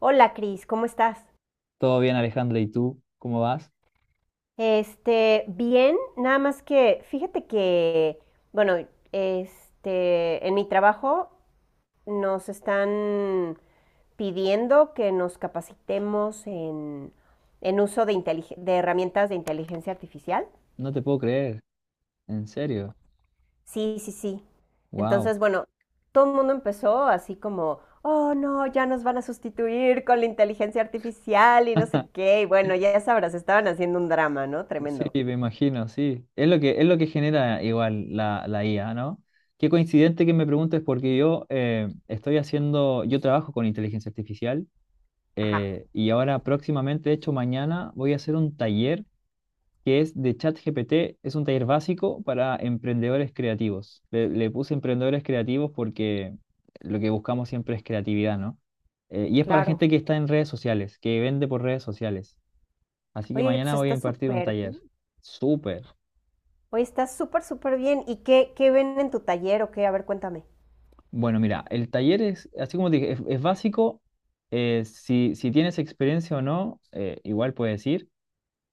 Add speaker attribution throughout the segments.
Speaker 1: Hola, Cris, ¿cómo estás?
Speaker 2: Todo bien, Alejandra, ¿y tú? ¿Cómo vas?
Speaker 1: Bien, nada más que fíjate que, bueno, en mi trabajo nos están pidiendo que nos capacitemos en uso de herramientas de inteligencia artificial.
Speaker 2: No te puedo creer, en serio.
Speaker 1: Sí, sí, sí.
Speaker 2: Wow.
Speaker 1: Entonces, bueno, todo el mundo empezó así como, oh no, ya nos van a sustituir con la inteligencia artificial y no sé qué. Y bueno, ya sabrás, estaban haciendo un drama, ¿no?
Speaker 2: Sí,
Speaker 1: Tremendo.
Speaker 2: me imagino, sí. Es lo que genera igual la IA, ¿no? Qué coincidente que me preguntes porque yo trabajo con inteligencia artificial
Speaker 1: Ajá.
Speaker 2: y ahora próximamente, de hecho mañana, voy a hacer un taller que es de ChatGPT. Es un taller básico para emprendedores creativos. Le puse emprendedores creativos porque lo que buscamos siempre es creatividad, ¿no? Y es para
Speaker 1: Claro.
Speaker 2: gente que está en redes sociales, que vende por redes sociales. Así que
Speaker 1: Oye, pues
Speaker 2: mañana voy a
Speaker 1: está
Speaker 2: impartir un
Speaker 1: súper bien.
Speaker 2: taller. Súper.
Speaker 1: Oye, está súper, súper bien. ¿Y qué ven en tu taller o qué? A ver, cuéntame.
Speaker 2: Bueno, mira, el taller es, así como te dije, es básico. Si tienes experiencia o no, igual puedes ir.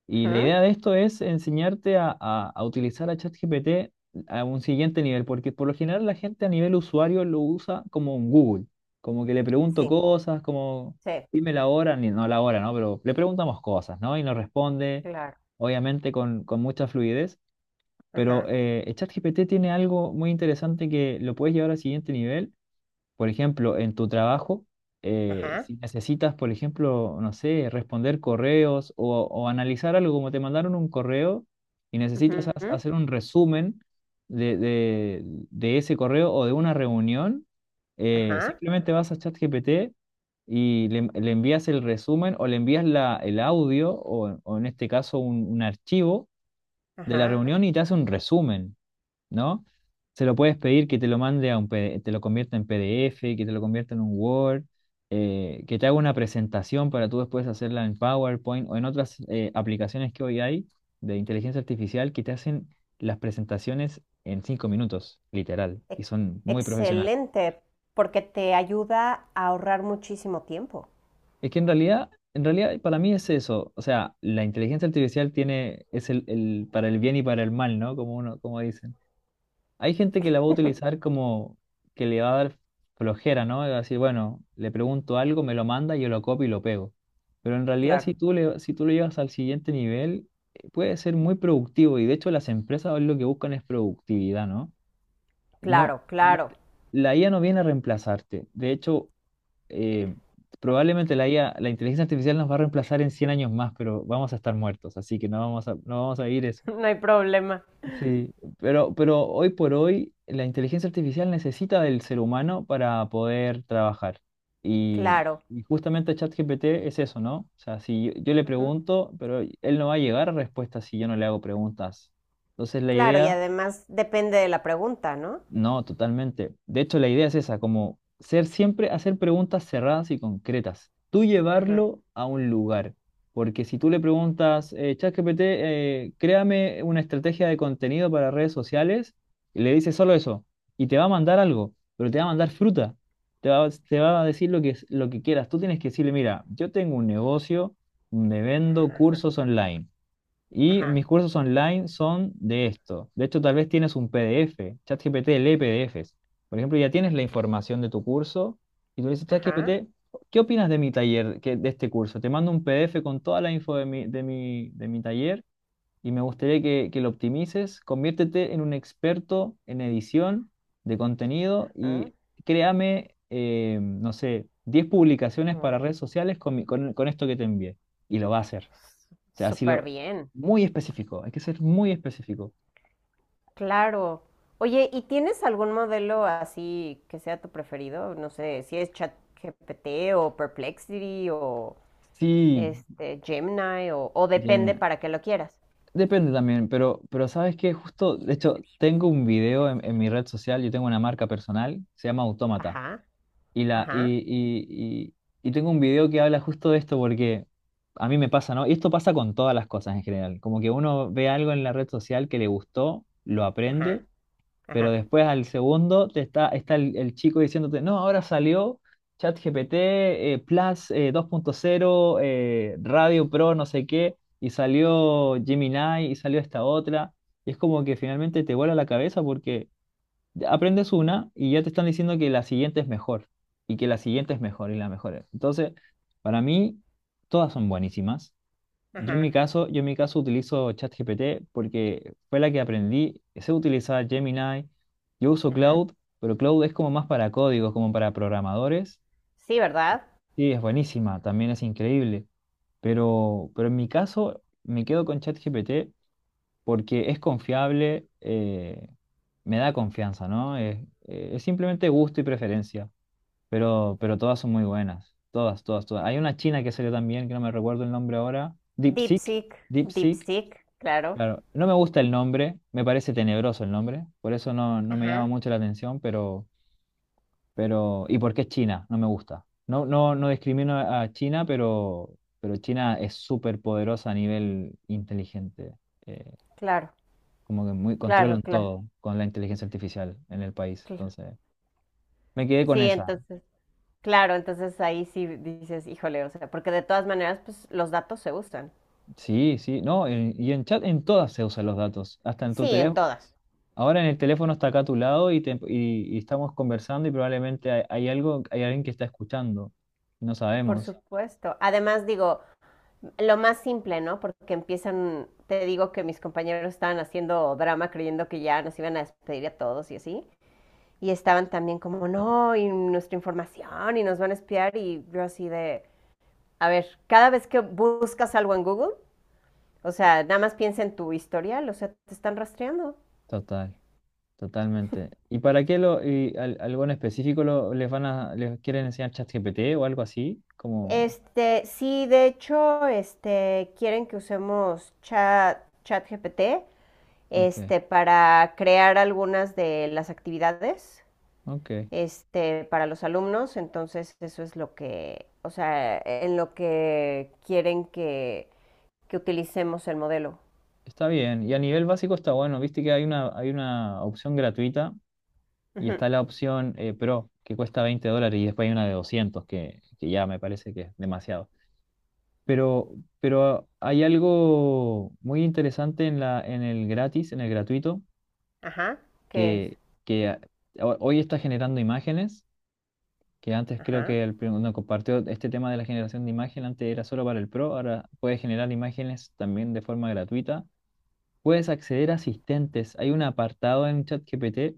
Speaker 2: Y la
Speaker 1: Ajá.
Speaker 2: idea de esto es enseñarte a utilizar a ChatGPT a un siguiente nivel, porque por lo general la gente a nivel usuario lo usa como un Google, como que le pregunto
Speaker 1: Sí,
Speaker 2: cosas, como
Speaker 1: sí,
Speaker 2: dime la hora, ni, no la hora, ¿no? Pero le preguntamos cosas, ¿no? Y nos responde,
Speaker 1: claro.
Speaker 2: obviamente, con mucha fluidez, pero
Speaker 1: Ajá,
Speaker 2: eh, ChatGPT tiene algo muy interesante que lo puedes llevar al siguiente nivel, por ejemplo, en tu trabajo. eh,
Speaker 1: ajá,
Speaker 2: si necesitas, por ejemplo, no sé, responder correos o analizar algo, como te mandaron un correo y necesitas
Speaker 1: ujú,
Speaker 2: hacer un resumen de ese correo o de una reunión. eh,
Speaker 1: ajá,
Speaker 2: simplemente vas a ChatGPT y le envías el resumen o le envías el audio, o en este caso un archivo de la
Speaker 1: ajá.
Speaker 2: reunión, y te hace un resumen, ¿no? Se lo puedes pedir que te lo mande a un PD te lo convierta en PDF, que te lo convierta en un Word, que te haga una presentación para tú después hacerla en PowerPoint o en otras aplicaciones que hoy hay de inteligencia artificial que te hacen las presentaciones en 5 minutos, literal, y
Speaker 1: Ex-
Speaker 2: son muy profesionales.
Speaker 1: Excelente, porque te ayuda a ahorrar muchísimo tiempo.
Speaker 2: Es que en realidad para mí es eso. O sea, la inteligencia artificial es para el bien y para el mal, ¿no? Como uno, como dicen. Hay gente que la va a utilizar como que le va a dar flojera, ¿no? Así, bueno, le pregunto algo, me lo manda, yo lo copio y lo pego. Pero en realidad,
Speaker 1: Claro,
Speaker 2: si tú lo llevas al siguiente nivel, puede ser muy productivo. Y de hecho, las empresas lo que buscan es productividad, ¿no? No,
Speaker 1: claro,
Speaker 2: la,
Speaker 1: claro.
Speaker 2: la IA no viene a reemplazarte. De hecho, eh, probablemente la IA, la inteligencia artificial nos va a reemplazar en 100 años más, pero vamos a estar muertos. Así que no vamos a vivir eso.
Speaker 1: No hay problema.
Speaker 2: Sí, pero hoy por hoy la inteligencia artificial necesita del ser humano para poder trabajar. Y,
Speaker 1: Claro.
Speaker 2: y justamente ChatGPT es eso, ¿no? O sea, si yo le
Speaker 1: Ujú.
Speaker 2: pregunto, pero él no va a llegar a respuestas si yo no le hago preguntas. Entonces la
Speaker 1: Claro, y
Speaker 2: idea
Speaker 1: además depende de la pregunta, ¿no?
Speaker 2: No, totalmente. De hecho, la idea es esa, como ser siempre, hacer preguntas cerradas y concretas. Tú
Speaker 1: Ujú,
Speaker 2: llevarlo a un lugar. Porque si tú le preguntas, ChatGPT, créame una estrategia de contenido para redes sociales, y le dices solo eso, y te va a mandar algo, pero te va a mandar fruta. Te va a decir lo que quieras. Tú tienes que decirle, mira, yo tengo un negocio donde vendo cursos online. Y
Speaker 1: ajá,
Speaker 2: mis cursos online son de esto. De hecho, tal vez tienes un PDF. ChatGPT lee PDFs. Por ejemplo, ya tienes la información de tu curso y tú le dices:
Speaker 1: ajá.
Speaker 2: ChatGPT, ¿qué opinas de mi taller de este curso? Te mando un PDF con toda la info de mi taller y me gustaría que lo optimices. Conviértete en un experto en edición de contenido
Speaker 1: Ah,
Speaker 2: y créame, no sé, 10 publicaciones
Speaker 1: mm,
Speaker 2: para redes sociales con esto que te envié. Y lo va a hacer. O sea, así
Speaker 1: súper
Speaker 2: lo.
Speaker 1: bien.
Speaker 2: Muy específico, hay que ser muy específico.
Speaker 1: Claro. Oye, ¿y tienes algún modelo así que sea tu preferido? No sé, si es ChatGPT o Perplexity o
Speaker 2: Sí,
Speaker 1: este Gemini o depende
Speaker 2: Jamie.
Speaker 1: para qué lo quieras.
Speaker 2: Depende también, pero sabes que justo, de hecho, tengo un video en mi red social. Yo tengo una marca personal, se llama Autómata.
Speaker 1: Ajá,
Speaker 2: Y, la,
Speaker 1: ajá,
Speaker 2: y, y, y tengo un video que habla justo de esto porque a mí me pasa, ¿no? Y esto pasa con todas las cosas en general. Como que uno ve algo en la red social que le gustó, lo
Speaker 1: ajá,
Speaker 2: aprende. Pero
Speaker 1: ajá,
Speaker 2: después, al segundo, está el chico diciéndote: no, ahora salió ChatGPT Plus 2.0, Radio Pro, no sé qué, y salió Gemini y salió esta otra. Y es como que finalmente te vuela la cabeza porque aprendes una y ya te están diciendo que la siguiente es mejor, y que la siguiente es mejor y la mejor es. Entonces, para mí, todas son buenísimas. Yo en
Speaker 1: ajá,
Speaker 2: mi caso, yo en mi caso utilizo ChatGPT porque fue la que aprendí. Sé utilizar Gemini. Yo uso
Speaker 1: ajá.
Speaker 2: Cloud, pero Cloud es como más para códigos, como para programadores.
Speaker 1: Sí, ¿verdad?
Speaker 2: Sí, es buenísima, también es increíble. Pero en mi caso me quedo con ChatGPT porque es confiable, me da confianza, ¿no? Es simplemente gusto y preferencia. Pero todas son muy buenas. Todas, todas, todas. Hay una china que salió también, que no me recuerdo el nombre ahora. DeepSeek.
Speaker 1: DeepSeek,
Speaker 2: DeepSeek.
Speaker 1: DeepSeek, claro.
Speaker 2: Claro, no me gusta el nombre, me parece tenebroso el nombre, por eso no me llama
Speaker 1: Ajá.
Speaker 2: mucho la atención, ¿y por qué China? No me gusta. No, no, no discrimino a China, pero China es súper poderosa a nivel inteligente, eh,
Speaker 1: Claro,
Speaker 2: como que muy
Speaker 1: claro,
Speaker 2: controlan
Speaker 1: claro.
Speaker 2: todo con la inteligencia artificial en el país.
Speaker 1: cl-
Speaker 2: Entonces, me quedé con
Speaker 1: Sí,
Speaker 2: esa.
Speaker 1: entonces, claro, entonces ahí sí dices, híjole, o sea, porque de todas maneras, pues los datos se usan.
Speaker 2: Sí, sí, no, y en chat en todas se usan los datos, hasta en tu
Speaker 1: Sí, en
Speaker 2: teléfono.
Speaker 1: todas.
Speaker 2: Ahora, en el teléfono está acá a tu lado, y estamos conversando y probablemente hay algo, hay alguien que está escuchando. No
Speaker 1: Por
Speaker 2: sabemos.
Speaker 1: supuesto. Además, digo, lo más simple, ¿no? Porque empiezan, te digo que mis compañeros estaban haciendo drama creyendo que ya nos iban a despedir a todos y así. Y estaban también como,
Speaker 2: Eh,
Speaker 1: no, y nuestra información, y nos van a espiar. Y yo así de, a ver, cada vez que buscas algo en Google, o sea, nada más piensa en tu historial, o sea, te están rastreando.
Speaker 2: Total, totalmente. ¿Y para qué algo en específico lo, les van a, les quieren enseñar ChatGPT o algo así?
Speaker 1: Sí, de hecho, quieren que usemos chat GPT
Speaker 2: Ok,
Speaker 1: para crear algunas de las actividades
Speaker 2: ok.
Speaker 1: para los alumnos. Entonces, eso es lo que, o sea, en lo que quieren que utilicemos el modelo.
Speaker 2: Está bien. Y a nivel básico está bueno. Viste que hay una opción gratuita y
Speaker 1: Ujú.
Speaker 2: está la opción Pro, que cuesta $20, y después hay una de 200 que ya me parece que es demasiado. Pero, pero hay algo muy interesante en en el gratis, en el gratuito,
Speaker 1: Ajá, ¿qué es?
Speaker 2: que, que hoy está generando imágenes, que antes creo
Speaker 1: Ajá,
Speaker 2: que no, compartió este tema de la generación de imagen. Antes era solo para el pro, ahora puedes generar imágenes también de forma gratuita. Puedes acceder a asistentes. Hay un apartado en ChatGPT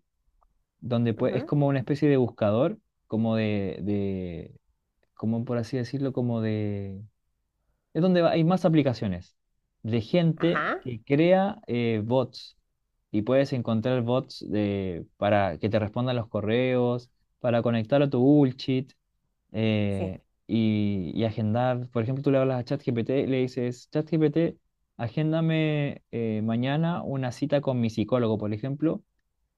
Speaker 2: donde es
Speaker 1: ujú,
Speaker 2: como una especie de buscador, como de, de, como por así decirlo, como de es donde hay más aplicaciones de gente
Speaker 1: ajá,
Speaker 2: que crea bots, y puedes encontrar bots para que te respondan los correos, para conectar a tu bullshit
Speaker 1: sí,
Speaker 2: y agendar. Por ejemplo, tú le hablas a ChatGPT y le dices: ChatGPT, agéndame mañana una cita con mi psicólogo, por ejemplo.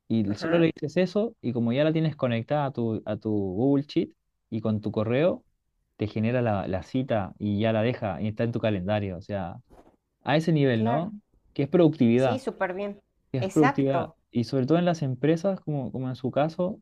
Speaker 2: Y solo le
Speaker 1: ajá,
Speaker 2: dices eso, y como ya la tienes conectada a tu Google Sheet y con tu correo, te genera la cita y ya la deja y está en tu calendario. O sea, a ese nivel, ¿no?
Speaker 1: claro.
Speaker 2: Que es
Speaker 1: Sí,
Speaker 2: productividad,
Speaker 1: súper bien.
Speaker 2: que es productividad.
Speaker 1: Exacto.
Speaker 2: Y sobre todo en las empresas, como en su caso,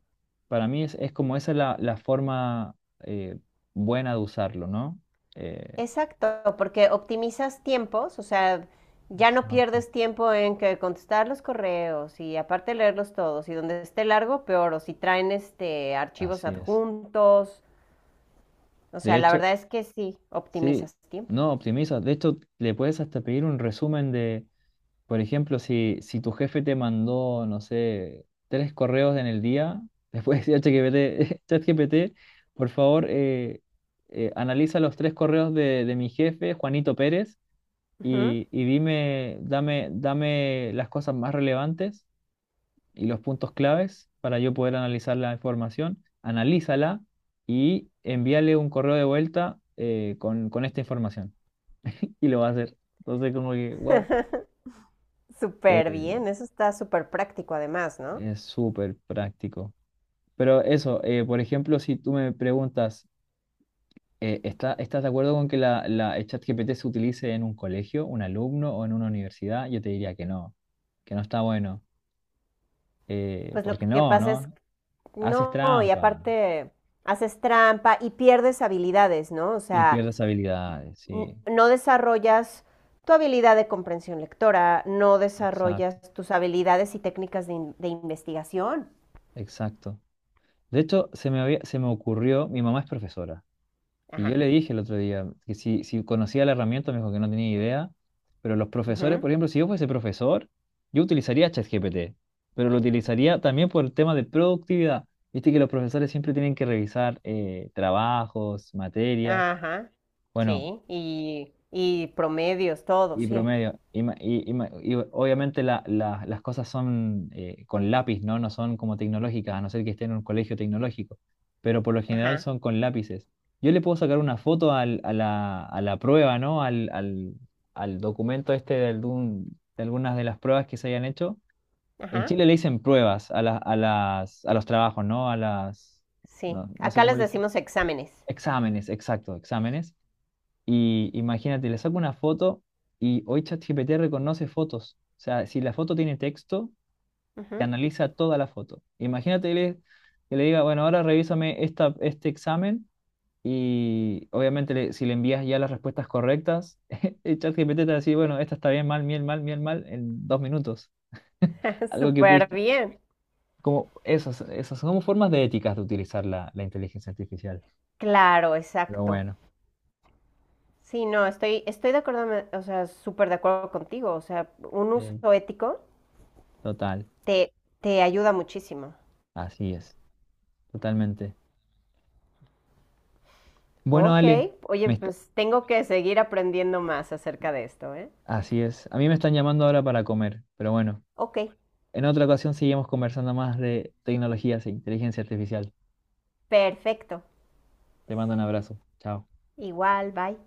Speaker 2: para mí es como esa la forma eh, buena de usarlo, ¿no? Eh,
Speaker 1: Exacto, porque optimizas tiempos, o sea, ya no
Speaker 2: Exacto.
Speaker 1: pierdes tiempo en que contestar los correos y aparte leerlos todos y donde esté largo, peor, o si traen archivos
Speaker 2: Así es.
Speaker 1: adjuntos, o
Speaker 2: De
Speaker 1: sea, la
Speaker 2: hecho,
Speaker 1: verdad es que sí,
Speaker 2: sí,
Speaker 1: optimizas tiempo.
Speaker 2: no optimiza. De hecho, le puedes hasta pedir un resumen de Por ejemplo, si tu jefe te mandó, no sé, 3 correos en el día. después de ChatGPT, ChatGPT, por favor, analiza los 3 correos de mi jefe, Juanito Pérez,
Speaker 1: Ujú.
Speaker 2: y dame las cosas más relevantes y los puntos claves para yo poder analizar la información. Analízala y envíale un correo de vuelta, con esta información. Y lo va a hacer. Entonces, como que, wow,
Speaker 1: Súper bien, eso está súper práctico además, ¿no?
Speaker 2: es súper práctico. Pero eso, por ejemplo, si tú me preguntas, ¿estás de acuerdo con que la el ChatGPT se utilice en un colegio, un alumno o en una universidad? Yo te diría que no está bueno.
Speaker 1: Pues lo
Speaker 2: Porque
Speaker 1: que
Speaker 2: no,
Speaker 1: pasa es,
Speaker 2: ¿no? Haces
Speaker 1: no, y
Speaker 2: trampa
Speaker 1: aparte haces trampa y pierdes habilidades, ¿no? O
Speaker 2: y
Speaker 1: sea,
Speaker 2: pierdes habilidades, sí.
Speaker 1: no desarrollas tu habilidad de comprensión lectora, no
Speaker 2: Exacto,
Speaker 1: desarrollas tus habilidades y técnicas de investigación.
Speaker 2: exacto. De hecho, se me ocurrió: mi mamá es profesora. Y
Speaker 1: Ajá.
Speaker 2: yo le dije el otro día que si conocía la herramienta, me dijo que no tenía idea. Pero los profesores,
Speaker 1: Ujú,
Speaker 2: por ejemplo, si yo fuese profesor, yo utilizaría ChatGPT, pero lo utilizaría también por el tema de productividad. Viste que los profesores siempre tienen que revisar trabajos, materias.
Speaker 1: ajá.
Speaker 2: Bueno,
Speaker 1: Sí. Y promedios, todo,
Speaker 2: y
Speaker 1: sí.
Speaker 2: promedio. Y obviamente las cosas son con lápiz, ¿no? No son como tecnológicas, a no ser que esté en un colegio tecnológico. Pero por lo general
Speaker 1: Ajá.
Speaker 2: son con lápices. Yo le puedo sacar una foto a la prueba, ¿no? Al documento este de algunas de las pruebas que se hayan hecho. En
Speaker 1: Ajá.
Speaker 2: Chile le dicen pruebas a los trabajos, ¿no? A las.
Speaker 1: Sí.
Speaker 2: No, no sé
Speaker 1: Acá
Speaker 2: cómo
Speaker 1: les
Speaker 2: le dicen.
Speaker 1: decimos exámenes.
Speaker 2: Exámenes, exacto, exámenes. Y imagínate, le saco una foto, y hoy ChatGPT reconoce fotos. O sea, si la foto tiene texto, te
Speaker 1: Ujú.
Speaker 2: analiza toda la foto. Imagínate, que le diga: bueno, ahora revísame este examen, y obviamente, si le envías ya las respuestas correctas, el ChatGPT te va a decir: bueno, esta está bien, mal, bien, mal, bien, mal, en 2 minutos. Algo que
Speaker 1: Súper
Speaker 2: pudiste.
Speaker 1: bien.
Speaker 2: Como esas son como formas de éticas de utilizar la inteligencia artificial.
Speaker 1: Claro,
Speaker 2: Pero
Speaker 1: exacto.
Speaker 2: bueno,
Speaker 1: Sí, no, estoy de acuerdo, o sea, súper de acuerdo contigo. O sea, un uso
Speaker 2: sí,
Speaker 1: ético
Speaker 2: total,
Speaker 1: te, te ayuda muchísimo.
Speaker 2: así es, totalmente. Bueno,
Speaker 1: Ok,
Speaker 2: Ale,
Speaker 1: oye,
Speaker 2: me está-
Speaker 1: pues tengo que seguir aprendiendo más acerca de esto, ¿eh?
Speaker 2: así es. A mí me están llamando ahora para comer, pero bueno,
Speaker 1: Ok,
Speaker 2: en otra ocasión seguimos conversando más de tecnologías e inteligencia artificial.
Speaker 1: perfecto.
Speaker 2: Te mando un abrazo. Chao.
Speaker 1: Igual, bye.